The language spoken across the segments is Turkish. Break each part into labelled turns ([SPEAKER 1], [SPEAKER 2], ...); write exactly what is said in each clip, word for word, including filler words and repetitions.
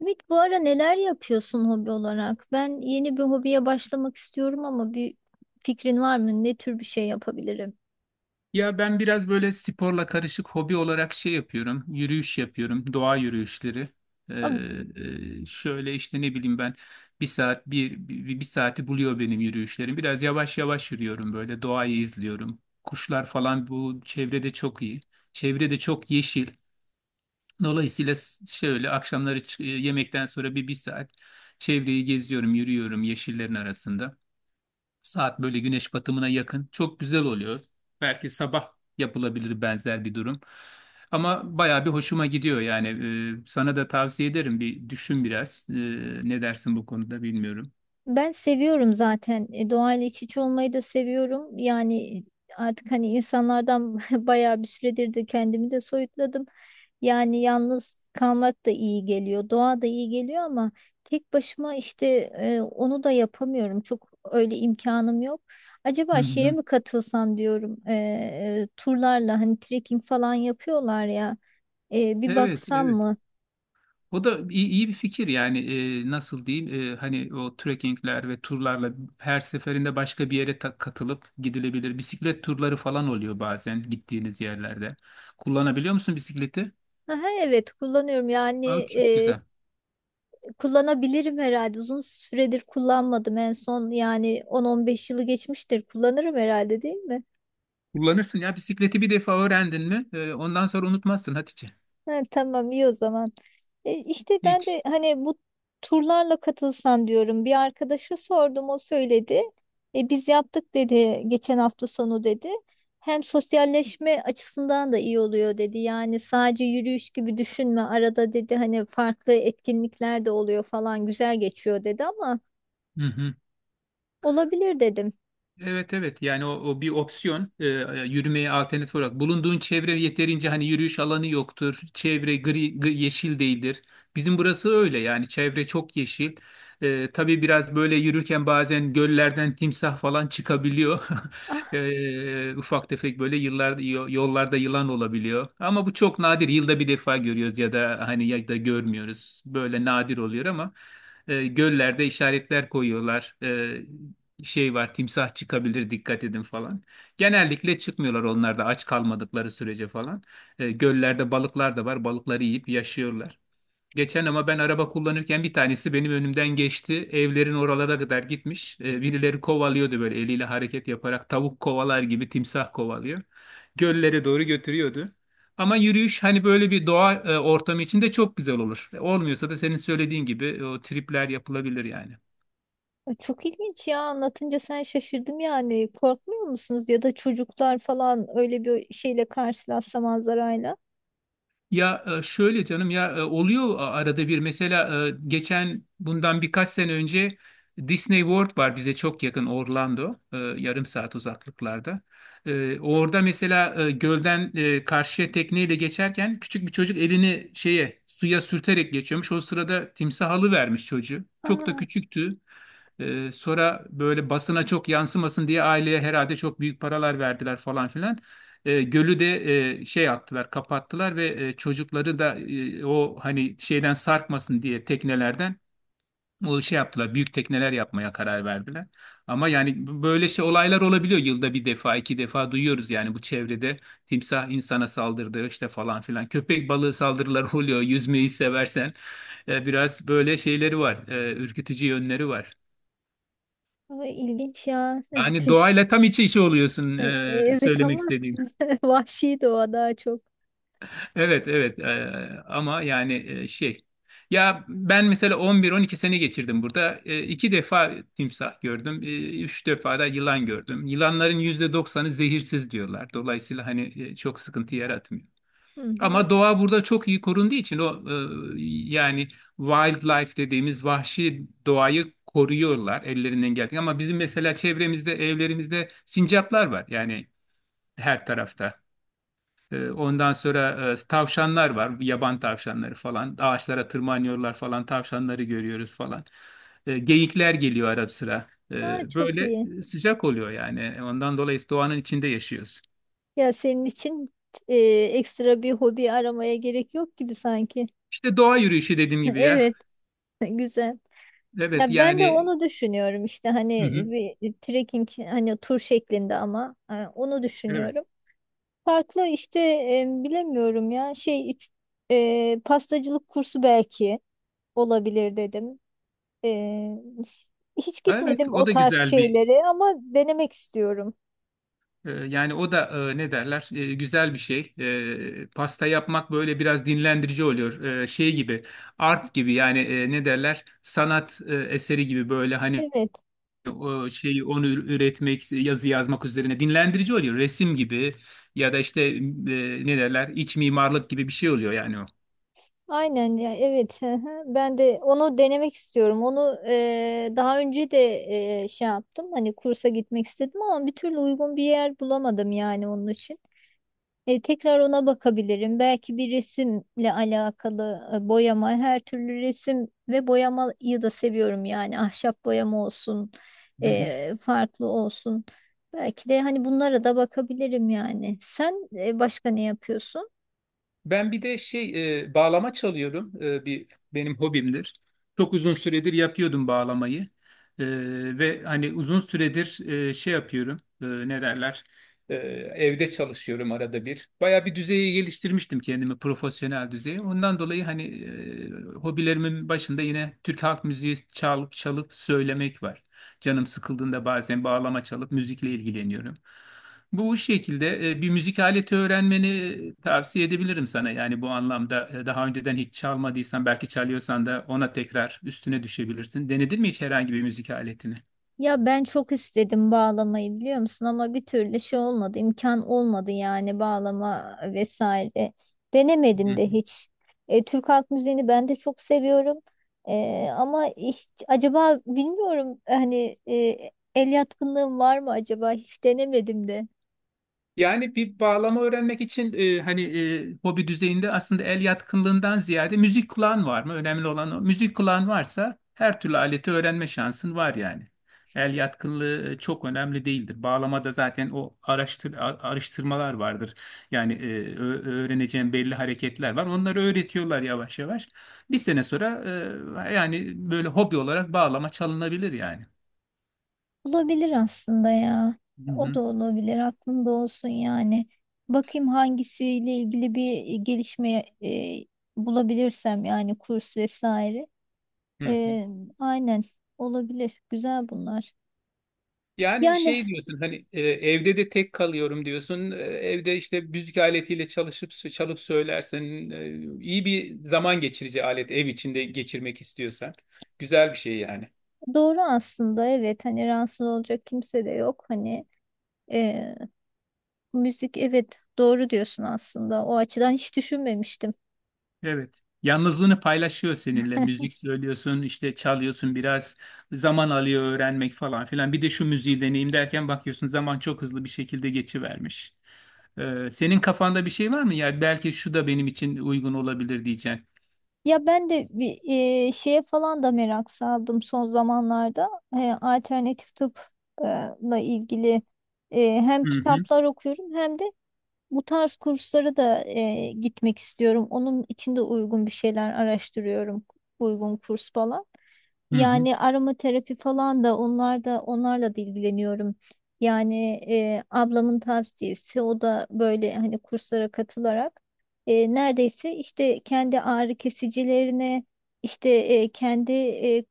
[SPEAKER 1] Ümit, bu ara neler yapıyorsun hobi olarak? Ben yeni bir hobiye başlamak istiyorum ama bir fikrin var mı? Ne tür bir şey yapabilirim?
[SPEAKER 2] Ya ben biraz böyle sporla karışık hobi olarak şey yapıyorum. Yürüyüş yapıyorum. Doğa yürüyüşleri.
[SPEAKER 1] Ama
[SPEAKER 2] Ee, e, Şöyle işte ne bileyim ben bir saat bir, bir, bir saati buluyor benim yürüyüşlerim. Biraz yavaş yavaş yürüyorum, böyle doğayı izliyorum. Kuşlar falan bu çevrede çok iyi. Çevrede çok yeşil. Dolayısıyla s- şöyle akşamları çı- yemekten sonra bir bir saat çevreyi geziyorum, yürüyorum yeşillerin arasında. Saat böyle güneş batımına yakın. Çok güzel oluyor. Belki sabah yapılabilir benzer bir durum. Ama bayağı bir hoşuma gidiyor yani. Ee, sana da tavsiye ederim. Bir düşün biraz. Ee, ne dersin bu konuda, bilmiyorum.
[SPEAKER 1] ben seviyorum zaten. E, Doğayla iç içe olmayı da seviyorum. Yani artık hani insanlardan bayağı bir süredir de kendimi de soyutladım. Yani yalnız kalmak da iyi geliyor, doğa da iyi geliyor ama tek başıma işte e, onu da yapamıyorum. Çok öyle imkanım yok.
[SPEAKER 2] Hı
[SPEAKER 1] Acaba şeye
[SPEAKER 2] hı.
[SPEAKER 1] mi katılsam diyorum, e, e, turlarla hani trekking falan yapıyorlar ya, e, bir
[SPEAKER 2] Evet,
[SPEAKER 1] baksam
[SPEAKER 2] evet.
[SPEAKER 1] mı?
[SPEAKER 2] O da iyi, iyi bir fikir yani. Ee, nasıl diyeyim, Ee, hani o trekkingler ve turlarla her seferinde başka bir yere ta- katılıp gidilebilir. Bisiklet turları falan oluyor bazen gittiğiniz yerlerde. Kullanabiliyor musun bisikleti?
[SPEAKER 1] Aha, evet kullanıyorum yani
[SPEAKER 2] Aa, çok
[SPEAKER 1] e,
[SPEAKER 2] güzel.
[SPEAKER 1] kullanabilirim herhalde. Uzun süredir kullanmadım en son yani on on beş yılı geçmiştir. Kullanırım herhalde, değil mi?
[SPEAKER 2] Kullanırsın ya bisikleti, bir defa öğrendin mi e, ondan sonra unutmazsın Hatice.
[SPEAKER 1] Ha, tamam iyi o zaman. E, işte ben
[SPEAKER 2] Hiç.
[SPEAKER 1] de hani bu turlarla katılsam diyorum. Bir arkadaşa sordum, o söyledi. E, biz yaptık dedi, geçen hafta sonu dedi. Hem sosyalleşme açısından da iyi oluyor dedi. Yani sadece yürüyüş gibi düşünme arada dedi, hani farklı etkinlikler de oluyor falan, güzel geçiyor dedi ama
[SPEAKER 2] Hı hı.
[SPEAKER 1] olabilir dedim.
[SPEAKER 2] Evet evet yani o, o bir opsiyon. Ee, yürümeye alternatif olarak bulunduğun çevre yeterince hani yürüyüş alanı yoktur, çevre gri, gri- yeşil değildir. Bizim burası öyle yani, çevre çok yeşil. Ee, tabii biraz böyle yürürken bazen göllerden timsah falan çıkabiliyor.
[SPEAKER 1] Ah,
[SPEAKER 2] Ee, ufak tefek böyle yıllar yo- yollarda yılan olabiliyor ama bu çok nadir, yılda bir defa görüyoruz ya da hani ya da görmüyoruz, böyle nadir oluyor ama e, göllerde işaretler koyuyorlar. E, şey var, timsah çıkabilir dikkat edin falan. Genellikle çıkmıyorlar onlar da aç kalmadıkları sürece falan. E, göllerde balıklar da var, balıkları yiyip yaşıyorlar. Geçen ama ben araba kullanırken bir tanesi benim önümden geçti. Evlerin oralara kadar gitmiş. E, birileri kovalıyordu, böyle eliyle hareket yaparak tavuk kovalar gibi timsah kovalıyor. Göllere doğru götürüyordu. Ama yürüyüş hani böyle bir doğa e, ortamı içinde çok güzel olur. E, Olmuyorsa da senin söylediğin gibi e, o tripler yapılabilir yani.
[SPEAKER 1] çok ilginç ya, anlatınca sen şaşırdım yani. Korkmuyor musunuz ya da çocuklar falan öyle bir şeyle karşılaşsa, manzarayla?
[SPEAKER 2] Ya e, şöyle canım, ya e, oluyor arada bir, mesela e, geçen bundan birkaç sene önce Disney World var bize çok yakın, Orlando, e, yarım saat uzaklıklarda. E, Orada mesela e, gölden e, karşıya tekneyle geçerken küçük bir çocuk elini şeye, suya sürterek geçiyormuş. O sırada timsah alıvermiş çocuğu. Çok da
[SPEAKER 1] Aa,
[SPEAKER 2] küçüktü. E, Sonra böyle basına çok yansımasın diye aileye herhalde çok büyük paralar verdiler falan filan. E, gölü de e, şey yaptılar, kapattılar, ve e, çocukları da e, o hani şeyden sarkmasın diye teknelerden o şey yaptılar. Büyük tekneler yapmaya karar verdiler. Ama yani b- böyle şey olaylar olabiliyor. Yılda bir defa, iki defa duyuyoruz yani bu çevrede timsah insana saldırdı işte falan filan. Köpek balığı saldırıları oluyor. Yüzmeyi seversen. E, biraz böyle şeyleri var. E, ürkütücü yönleri var.
[SPEAKER 1] bu ilginç ya.
[SPEAKER 2] Yani
[SPEAKER 1] Tüh.
[SPEAKER 2] doğayla tam iç içe oluyorsun,
[SPEAKER 1] E-
[SPEAKER 2] e,
[SPEAKER 1] Evet
[SPEAKER 2] söylemek
[SPEAKER 1] ama
[SPEAKER 2] istediğim.
[SPEAKER 1] vahşi doğa daha çok.
[SPEAKER 2] Evet evet. Ee, ama yani e, şey, ya ben mesela on bir on iki sene geçirdim burada. Ee, iki defa timsah gördüm. Ee, üç defa da yılan gördüm. Yılanların yüzde doksanı zehirsiz diyorlar. Dolayısıyla hani e, çok sıkıntı yaratmıyor.
[SPEAKER 1] Hı hı.
[SPEAKER 2] Ama doğa burada çok iyi korunduğu için, o e, yani wildlife dediğimiz vahşi doğayı koruyorlar ellerinden geldiği. Ama bizim mesela çevremizde, evlerimizde sincaplar var yani, her tarafta. Ee, Ondan sonra e, tavşanlar var, yaban tavşanları falan. Ağaçlara tırmanıyorlar falan, tavşanları görüyoruz falan. Ee, Geyikler geliyor ara sıra.
[SPEAKER 1] Daha
[SPEAKER 2] Ee,
[SPEAKER 1] çok
[SPEAKER 2] Böyle
[SPEAKER 1] iyi.
[SPEAKER 2] e, sıcak oluyor yani. Ondan dolayı doğanın içinde yaşıyoruz.
[SPEAKER 1] Ya senin için e, ekstra bir hobi aramaya gerek yok gibi sanki.
[SPEAKER 2] İşte doğa yürüyüşü dediğim gibi ya.
[SPEAKER 1] Evet, güzel.
[SPEAKER 2] Evet
[SPEAKER 1] Ya ben de
[SPEAKER 2] yani.
[SPEAKER 1] onu düşünüyorum işte
[SPEAKER 2] Hı
[SPEAKER 1] hani
[SPEAKER 2] hı.
[SPEAKER 1] bir trekking hani tur şeklinde ama e, onu
[SPEAKER 2] Evet.
[SPEAKER 1] düşünüyorum. Farklı işte e, bilemiyorum ya şey iç- e, pastacılık kursu belki olabilir dedim. Ee, hiç
[SPEAKER 2] Evet,
[SPEAKER 1] gitmedim o
[SPEAKER 2] o da
[SPEAKER 1] tarz
[SPEAKER 2] güzel bir.
[SPEAKER 1] şeylere ama denemek istiyorum.
[SPEAKER 2] Ee, Yani o da e, ne derler, e, güzel bir şey. E, pasta yapmak böyle biraz dinlendirici oluyor. E, şey gibi, art gibi yani, e, ne derler, sanat e, eseri gibi, böyle hani
[SPEAKER 1] Evet,
[SPEAKER 2] o şeyi, onu ür- üretmek, yazı yazmak üzerine dinlendirici oluyor. Resim gibi, ya da işte e, ne derler iç mimarlık gibi bir şey oluyor yani
[SPEAKER 1] aynen ya, evet. Hı hı. Ben de onu denemek istiyorum. Onu eee, daha önce de eee, şey yaptım. Hani kursa gitmek istedim ama bir türlü uygun bir yer bulamadım yani onun için. E, tekrar ona bakabilirim. Belki bir resimle alakalı e, boyama, her türlü resim ve boyamayı da seviyorum yani, ahşap boyama olsun,
[SPEAKER 2] o.
[SPEAKER 1] e, farklı olsun. Belki de hani bunlara da bakabilirim yani. Sen e, başka ne yapıyorsun?
[SPEAKER 2] Ben bir de şey, e, bağlama çalıyorum. E, bir benim hobimdir. Çok uzun süredir yapıyordum bağlamayı. E, Ve hani uzun süredir e, şey yapıyorum. E, ne derler? E, Evde çalışıyorum arada bir. Baya bir düzeye geliştirmiştim kendimi, profesyonel düzeye. Ondan dolayı hani e, hobilerimin başında yine Türk halk müziği çalıp çalıp söylemek var. Canım sıkıldığında bazen bağlama çalıp müzikle ilgileniyorum. Bu şekilde e, bir müzik aleti öğrenmeni e, tavsiye edebilirim sana. Yani bu anlamda e, daha önceden hiç çalmadıysan, belki çalıyorsan da ona tekrar üstüne düşebilirsin. Denedin mi hiç herhangi bir müzik aletini?
[SPEAKER 1] Ya ben çok istedim bağlamayı, biliyor musun, ama bir türlü şey olmadı, imkan olmadı yani bağlama vesaire. Denemedim de hiç. E, Türk Halk Müziği'ni ben de çok seviyorum. E, ama hiç, acaba bilmiyorum hani e, el yatkınlığım var mı acaba, hiç denemedim de.
[SPEAKER 2] Yani bir bağlama öğrenmek için e, hani e, hobi düzeyinde, aslında el yatkınlığından ziyade müzik kulağın var mı? Önemli olan o. Müzik kulağın varsa her türlü aleti öğrenme şansın var yani. El yatkınlığı e, çok önemli değildir. Bağlamada zaten o araştır, a- araştırmalar vardır. Yani e, ö- öğreneceğin belli hareketler var. Onları öğretiyorlar yavaş yavaş. Bir sene sonra e, yani böyle hobi olarak bağlama çalınabilir yani.
[SPEAKER 1] Olabilir aslında ya.
[SPEAKER 2] Hı
[SPEAKER 1] O
[SPEAKER 2] hı.
[SPEAKER 1] da olabilir, aklımda olsun yani. Bakayım hangisiyle ilgili bir gelişme e, bulabilirsem yani, kurs vesaire.
[SPEAKER 2] Hı hı.
[SPEAKER 1] Ee, aynen, olabilir. Güzel bunlar.
[SPEAKER 2] Yani
[SPEAKER 1] Yani
[SPEAKER 2] şey diyorsun hani, e, evde de tek kalıyorum diyorsun. E, Evde işte müzik aletiyle çalışıp çalıp söylersen, e, iyi bir zaman geçirici alet, ev içinde geçirmek istiyorsan güzel bir şey yani.
[SPEAKER 1] doğru aslında, evet, hani rahatsız olacak kimse de yok. Hani e, müzik, evet, doğru diyorsun aslında. O açıdan hiç düşünmemiştim.
[SPEAKER 2] Evet. Yalnızlığını paylaşıyor seninle. Müzik söylüyorsun, işte çalıyorsun, biraz zaman alıyor öğrenmek falan filan. Bir de şu müziği deneyeyim derken bakıyorsun zaman çok hızlı bir şekilde geçivermiş. E, senin kafanda bir şey var mı? Ya belki şu da benim için uygun olabilir diyeceksin.
[SPEAKER 1] Ya ben de bir e, şeye falan da merak saldım son zamanlarda. E, alternatif tıpla ilgili e, hem
[SPEAKER 2] Hı hı.
[SPEAKER 1] kitaplar okuyorum hem de bu tarz kurslara da e, gitmek istiyorum. Onun için de uygun bir şeyler araştırıyorum. Uygun kurs falan.
[SPEAKER 2] Hı hı.
[SPEAKER 1] Yani aromaterapi falan da, onlar da, onlarla da ilgileniyorum. Yani e, ablamın tavsiyesi, o da böyle hani kurslara katılarak e, neredeyse işte kendi ağrı kesicilerini işte e, kendi e,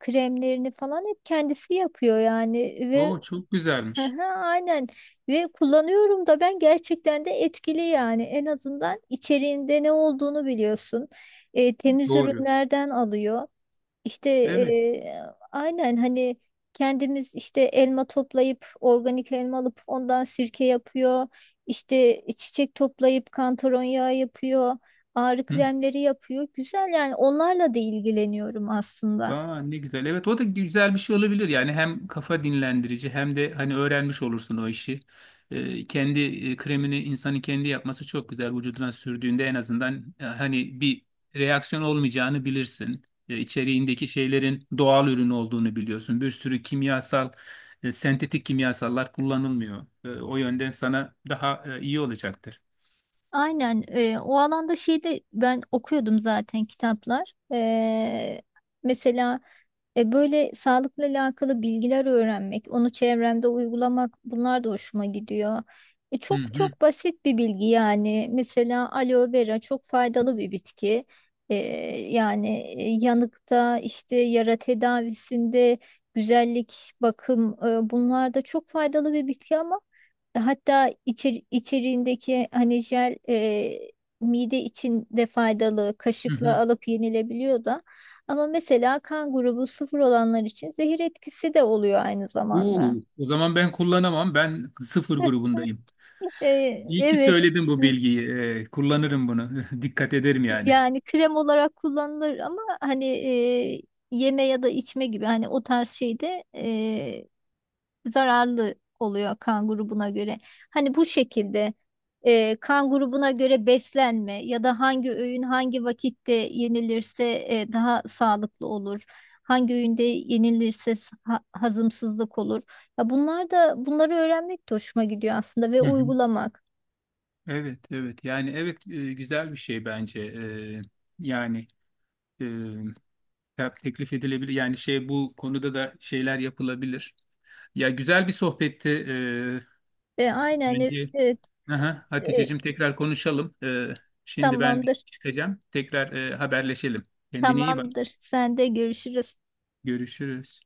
[SPEAKER 1] kremlerini falan hep kendisi yapıyor yani, ve
[SPEAKER 2] Oo, çok güzelmiş.
[SPEAKER 1] Aha, aynen, ve kullanıyorum da, ben gerçekten de etkili yani, en azından içeriğinde ne olduğunu biliyorsun. E, temiz
[SPEAKER 2] Doğru.
[SPEAKER 1] ürünlerden alıyor işte
[SPEAKER 2] Evet.
[SPEAKER 1] e, aynen, hani kendimiz işte elma toplayıp, organik elma alıp ondan sirke yapıyor, işte çiçek toplayıp kantaron yağı yapıyor, ağrı
[SPEAKER 2] Hı.
[SPEAKER 1] kremleri yapıyor, güzel yani, onlarla da ilgileniyorum aslında.
[SPEAKER 2] Aa, ne güzel. Evet, o da güzel bir şey olabilir. Yani hem kafa dinlendirici, hem de hani öğrenmiş olursun o işi. Ee, kendi e, kremini insanın kendi yapması çok güzel. Vücuduna sürdüğünde en azından e, hani bir reaksiyon olmayacağını bilirsin. E, içeriğindeki şeylerin doğal ürün olduğunu biliyorsun. Bir sürü kimyasal, e, sentetik kimyasallar kullanılmıyor. E, o yönden sana daha e, iyi olacaktır.
[SPEAKER 1] Aynen, e, o alanda şeyde ben okuyordum zaten kitaplar. E, mesela e, böyle sağlıkla alakalı bilgiler öğrenmek, onu çevremde uygulamak, bunlar da hoşuma gidiyor. E,
[SPEAKER 2] Hı
[SPEAKER 1] çok
[SPEAKER 2] hı
[SPEAKER 1] çok basit bir bilgi yani. Mesela aloe vera çok faydalı bir bitki. E, yani e, yanıkta, işte yara tedavisinde, güzellik, bakım, e, bunlar da çok faydalı bir bitki ama hatta içer, içeriğindeki hani jel, e, mide için de faydalı,
[SPEAKER 2] hı
[SPEAKER 1] kaşıkla
[SPEAKER 2] hı.
[SPEAKER 1] alıp yenilebiliyor da. Ama mesela kan grubu sıfır olanlar için zehir etkisi de oluyor aynı zamanda.
[SPEAKER 2] Uu, o zaman ben kullanamam. Ben sıfır grubundayım.
[SPEAKER 1] E,
[SPEAKER 2] İyi ki
[SPEAKER 1] evet
[SPEAKER 2] söyledin bu bilgiyi. Ee, kullanırım bunu. Dikkat ederim yani.
[SPEAKER 1] yani krem olarak kullanılır ama hani e, yeme ya da içme gibi, hani o tarz şeyde zararlı oluyor kan grubuna göre. Hani bu şekilde e, kan grubuna göre beslenme ya da hangi öğün hangi vakitte yenilirse e, daha sağlıklı olur. Hangi öğünde yenilirse s- ha- hazımsızlık olur. Ya bunlar da, bunları öğrenmek de hoşuma gidiyor aslında, ve
[SPEAKER 2] Hı hı.
[SPEAKER 1] uygulamak.
[SPEAKER 2] Evet, evet. Yani evet, e, güzel bir şey bence. Ee, yani e, te- teklif edilebilir. Yani şey, bu konuda da şeyler yapılabilir. Ya güzel bir sohbetti. Ee,
[SPEAKER 1] E, aynen, evet,
[SPEAKER 2] bence.
[SPEAKER 1] evet.
[SPEAKER 2] Aha,
[SPEAKER 1] E,
[SPEAKER 2] Hatice'cim, tekrar konuşalım. Ee, şimdi ben bir
[SPEAKER 1] tamamdır.
[SPEAKER 2] çıkacağım. Tekrar e, haberleşelim. Kendine iyi bak.
[SPEAKER 1] Tamamdır. Sen de, görüşürüz.
[SPEAKER 2] Görüşürüz.